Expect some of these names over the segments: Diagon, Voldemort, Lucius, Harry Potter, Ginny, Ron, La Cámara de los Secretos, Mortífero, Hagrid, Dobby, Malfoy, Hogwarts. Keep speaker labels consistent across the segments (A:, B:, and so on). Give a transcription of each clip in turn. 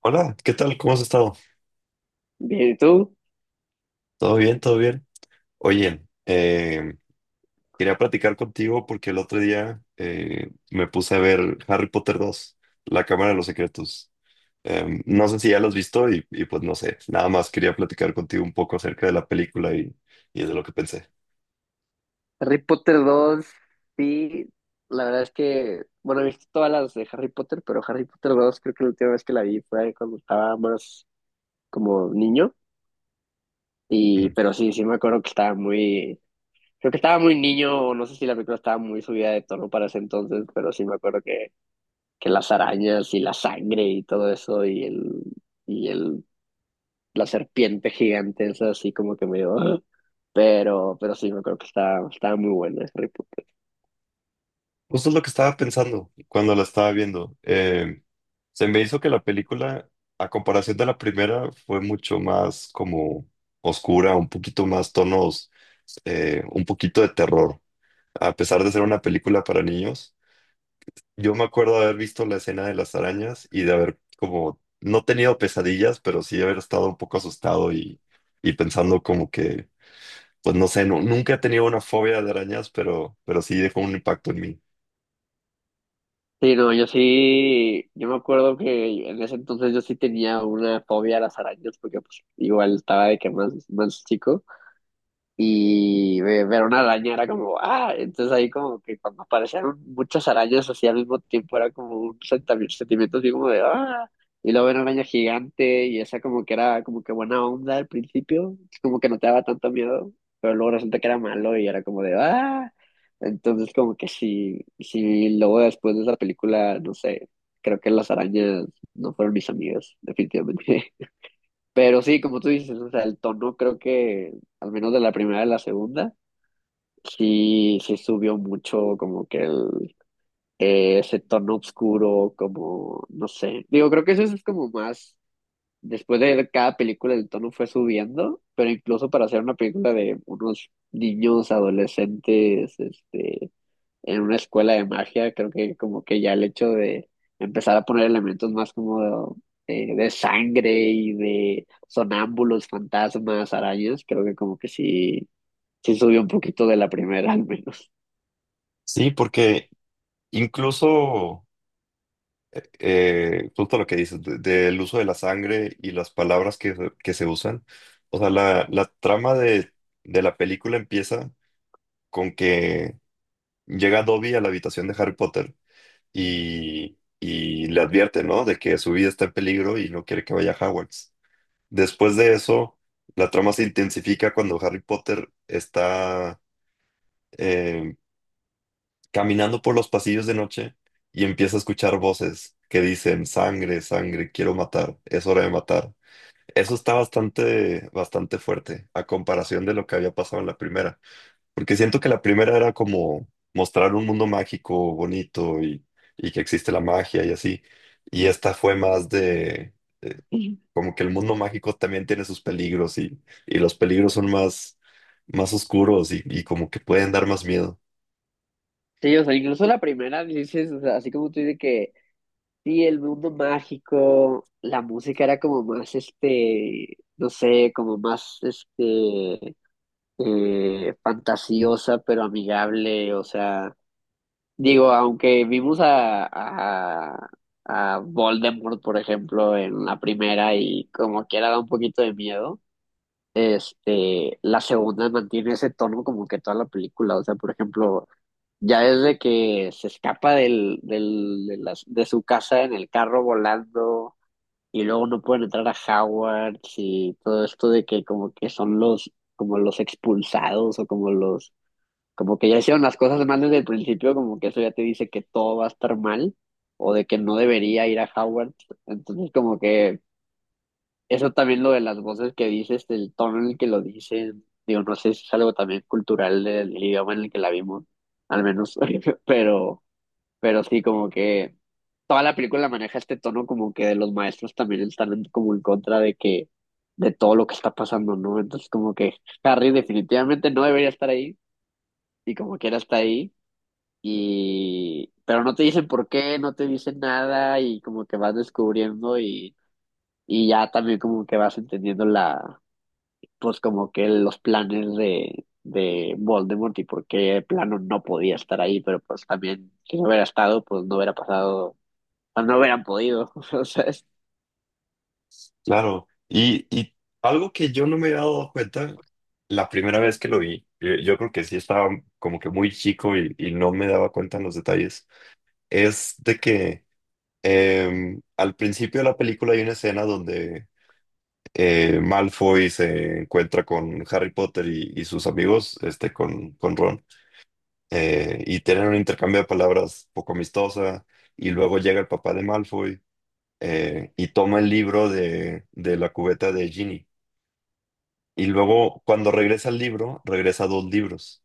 A: Hola, ¿qué tal? ¿Cómo has estado?
B: Bien, ¿y tú?
A: ¿Todo bien? ¿Todo bien? Oye, quería platicar contigo porque el otro día me puse a ver Harry Potter 2, La Cámara de los Secretos. No sé si ya lo has visto y pues no sé, nada más quería platicar contigo un poco acerca de la película y de lo que pensé.
B: Harry Potter dos, sí, la verdad es que, bueno, he visto todas las de Harry Potter, pero Harry Potter dos creo que la última vez que la vi fue cuando estaba más como niño, y
A: Mm.
B: pero sí, sí me acuerdo que estaba muy, creo que estaba muy niño, o no sé si la película estaba muy subida de tono para ese entonces, pero sí me acuerdo que las arañas y la sangre y todo eso, y el, la serpiente gigante, esa así como que me dio, pero sí me acuerdo que estaba muy buena Harry.
A: Justo es lo que estaba pensando cuando la estaba viendo. Se me hizo que la película, a comparación de la primera, fue mucho más como oscura, un poquito más tonos, un poquito de terror. A pesar de ser una película para niños, yo me acuerdo de haber visto la escena de las arañas y de haber como, no tenido pesadillas, pero sí de haber estado un poco asustado y pensando como que, pues no sé, nunca he tenido una fobia de arañas, pero sí dejó un impacto en mí.
B: Sí, no, yo sí, yo me acuerdo que en ese entonces yo sí tenía una fobia a las arañas, porque pues igual estaba de que más chico y ver una araña era como, ah, entonces ahí como que cuando aparecieron muchas arañas así al mismo tiempo era como un sentimiento así como de, ah, y luego ver una araña gigante y esa como que era como que buena onda al principio, como que no te daba tanto miedo, pero luego resulta que era malo y era como de, ah, entonces como que sí, sí, luego después de esa película, no sé, creo que las arañas no fueron mis amigas, definitivamente. Pero sí, como tú dices, o sea, el tono creo que, al menos de la primera a la segunda, sí, sí subió mucho como que el, ese tono oscuro, como, no sé, digo, creo que eso es como más, después de cada película el tono fue subiendo, pero incluso para hacer una película de unos niños adolescentes, este en una escuela de magia, creo que como que ya el hecho de empezar a poner elementos más como de, sangre y de sonámbulos, fantasmas, arañas, creo que como que sí, sí subió un poquito de la primera al menos.
A: Sí, porque incluso, justo lo que dices, del uso de la sangre y las palabras que, que se usan. O sea, la trama de la película empieza con que llega Dobby a la habitación de Harry Potter y le advierte, ¿no? De que su vida está en peligro y no quiere que vaya a Hogwarts. Después de eso, la trama se intensifica cuando Harry Potter está... em, caminando por los pasillos de noche y empieza a escuchar voces que dicen, sangre, sangre, quiero matar, es hora de matar. Eso está bastante, bastante fuerte a comparación de lo que había pasado en la primera, porque siento que la primera era como mostrar un mundo mágico, bonito y que existe la magia y así, y esta fue más de como que el mundo mágico también tiene sus peligros y los peligros son más, más oscuros y como que pueden dar más miedo.
B: Sí, o sea, incluso la primera, dices, o sea, así como tú dices que sí, el mundo mágico, la música era como más, este, no sé, como más, este, fantasiosa, pero amigable, o sea digo, aunque vimos a, a, a Voldemort, por ejemplo, en la primera y como quiera da un poquito de miedo, este, la segunda mantiene ese tono como que toda la película. O sea, por ejemplo, ya desde que se escapa de de su casa en el carro volando y luego no pueden entrar a Hogwarts y todo esto de que como que son los, como los expulsados o como los, como que ya hicieron las cosas mal desde el principio, como que eso ya te dice que todo va a estar mal o de que no debería ir a Howard. Entonces, como que eso también lo de las voces que dices, el tono en el que lo dicen, digo, no sé si es algo también cultural del idioma en el que la vimos, al menos, pero, pero sí, como que toda la película maneja este tono como que de los maestros también están como en contra de que, de todo lo que está pasando, ¿no? Entonces, como que Harry definitivamente no debería estar ahí y como quiera está ahí y pero no te dicen por qué, no te dicen nada y como que vas descubriendo y ya también como que vas entendiendo la, pues como que los planes de Voldemort y por qué el plano no podía estar ahí, pero pues también si no hubiera estado, pues no hubiera pasado, o no hubieran podido, o sea, es,
A: Claro, y algo que yo no me había dado cuenta la primera vez que lo vi, yo creo que sí estaba como que muy chico y no me daba cuenta en los detalles, es de que al principio de la película hay una escena donde Malfoy se encuentra con Harry Potter y sus amigos, este, con Ron, y tienen un intercambio de palabras poco amistosa, y luego llega el papá de Malfoy y toma el libro de la cubeta de Ginny. Y luego, cuando regresa al libro, regresa a dos libros.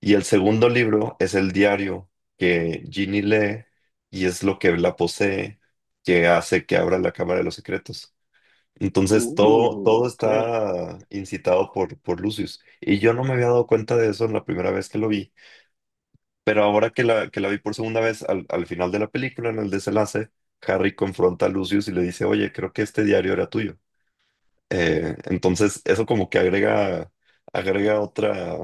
A: Y el segundo libro es el diario que Ginny lee y es lo que la posee, que hace que abra la Cámara de los Secretos. Entonces, todo
B: ok.
A: está incitado por Lucius. Y yo no me había dado cuenta de eso en la primera vez que lo vi. Pero ahora que que la vi por segunda vez, al final de la película, en el desenlace, Harry confronta a Lucius y le dice, oye, creo que este diario era tuyo. Entonces, eso como que agrega, agrega otra,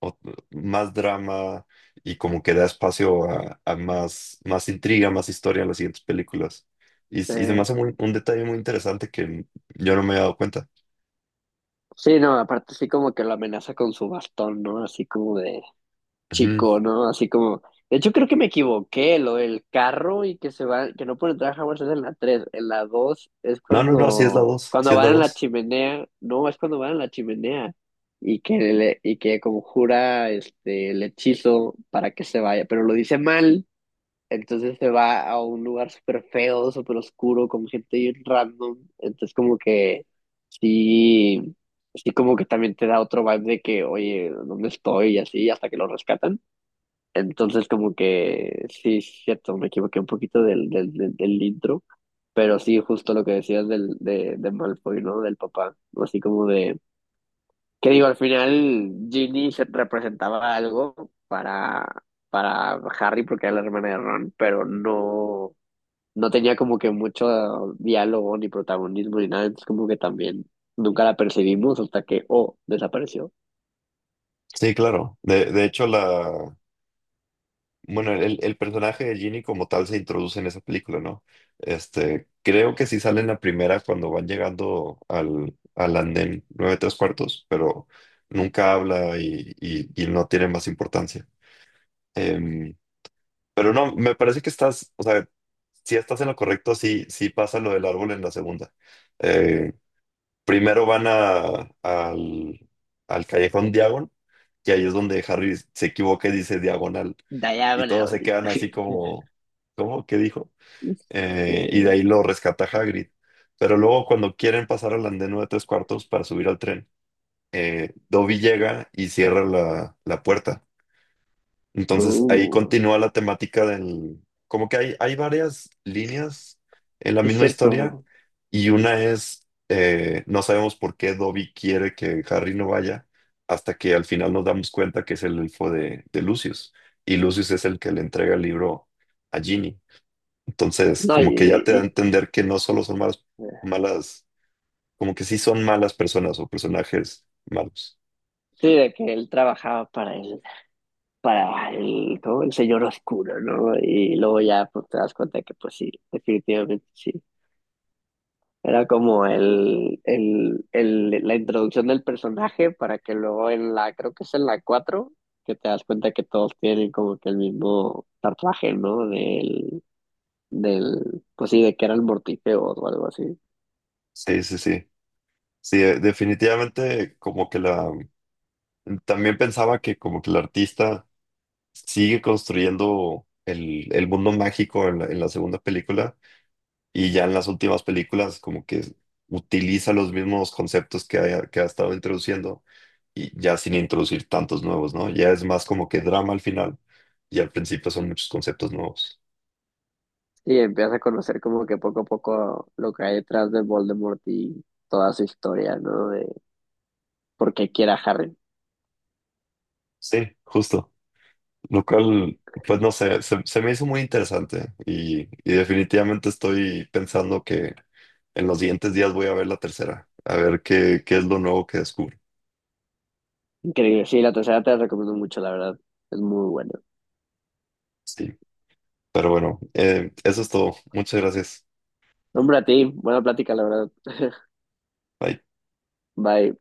A: ot- más drama y como que da espacio a más, más intriga, más historia en las siguientes películas. Y se me
B: Eh,
A: hace un detalle muy interesante que yo no me había dado cuenta.
B: sí, no, aparte sí como que lo amenaza con su bastón, ¿no? Así como de
A: Ujú.
B: chico, ¿no? Así como, de hecho creo que me equivoqué, lo del carro y que se va, que no pueden entrar a Hogwarts es en la 3, en la 2 es
A: No, no, no, sí es la
B: cuando,
A: dos, sí
B: cuando
A: es la
B: van en la
A: dos.
B: chimenea, no, es cuando van en la chimenea y que le, y que conjura este el hechizo para que se vaya, pero lo dice mal, entonces se va a un lugar súper feo, súper oscuro, con gente bien random, entonces como que sí, sí como que también te da otro vibe de que, oye, ¿dónde estoy? Y así, hasta que lo rescatan. Entonces, como que sí, es cierto, me equivoqué un poquito del intro, pero sí, justo lo que decías del, de Malfoy, ¿no? Del papá, así como de, que digo, al final Ginny se representaba algo para, para Harry porque era la hermana de Ron, pero no, no tenía como que mucho diálogo ni protagonismo ni nada, entonces como que también nunca la percibimos hasta que, oh, desapareció.
A: Sí, claro. De hecho, la, bueno, el personaje de Ginny como tal se introduce en esa película, ¿no? Este, creo que sí sale en la primera cuando van llegando al andén 9 tres cuartos, pero nunca habla y no tiene más importancia. Em, pero no, me parece que estás, o sea, si estás en lo correcto, sí pasa lo del árbol en la segunda. Eh, Primero van a, al, al callejón Diagon, que ahí es donde Harry se equivoca y dice diagonal. Y todos se
B: Diagonally.
A: quedan así como, ¿cómo? ¿Qué dijo? Y de
B: Este,
A: ahí lo rescata Hagrid. Pero luego cuando quieren pasar al andén nueve tres cuartos para subir al tren, Dobby llega y cierra la puerta. Entonces ahí
B: uh.
A: continúa la temática del... Como que hay varias líneas en la
B: Es
A: misma historia
B: cierto.
A: y una es, no sabemos por qué Dobby quiere que Harry no vaya hasta que al final nos damos cuenta que es el elfo de Lucius y Lucius es el que le entrega el libro a Ginny. Entonces
B: No,
A: como que ya te da a entender que no solo son malas, malas, como que sí son malas personas o personajes malos.
B: sí, de que él trabajaba para el, ¿cómo?, el señor oscuro, ¿no? Y luego ya pues, te das cuenta que pues sí, definitivamente sí. Era como la introducción del personaje para que luego en la, creo que es en la cuatro, que te das cuenta que todos tienen como que el mismo tatuaje, ¿no? Del, pues sí, de que era el Mortífero o algo así.
A: Sí. Sí, definitivamente como que la... También pensaba que como que el artista sigue construyendo el mundo mágico en la segunda película y ya en las últimas películas como que utiliza los mismos conceptos que ha estado introduciendo y ya sin introducir tantos nuevos, ¿no? Ya es más como que drama al final y al principio son muchos conceptos nuevos.
B: Y empiezas a conocer como que poco a poco lo que hay detrás de Voldemort y toda su historia, ¿no? De por qué quiere a Harry.
A: Sí, justo. Lo cual, pues no sé, se me hizo muy interesante y definitivamente estoy pensando que en los siguientes días voy a ver la tercera, a ver qué es lo nuevo que descubro.
B: Increíble. Sí, la tercera te la recomiendo mucho, la verdad. Es muy buena.
A: Sí, pero bueno, eso es todo. Muchas gracias.
B: Hombre, a ti. Buena plática, la verdad.
A: Bye.
B: Bye.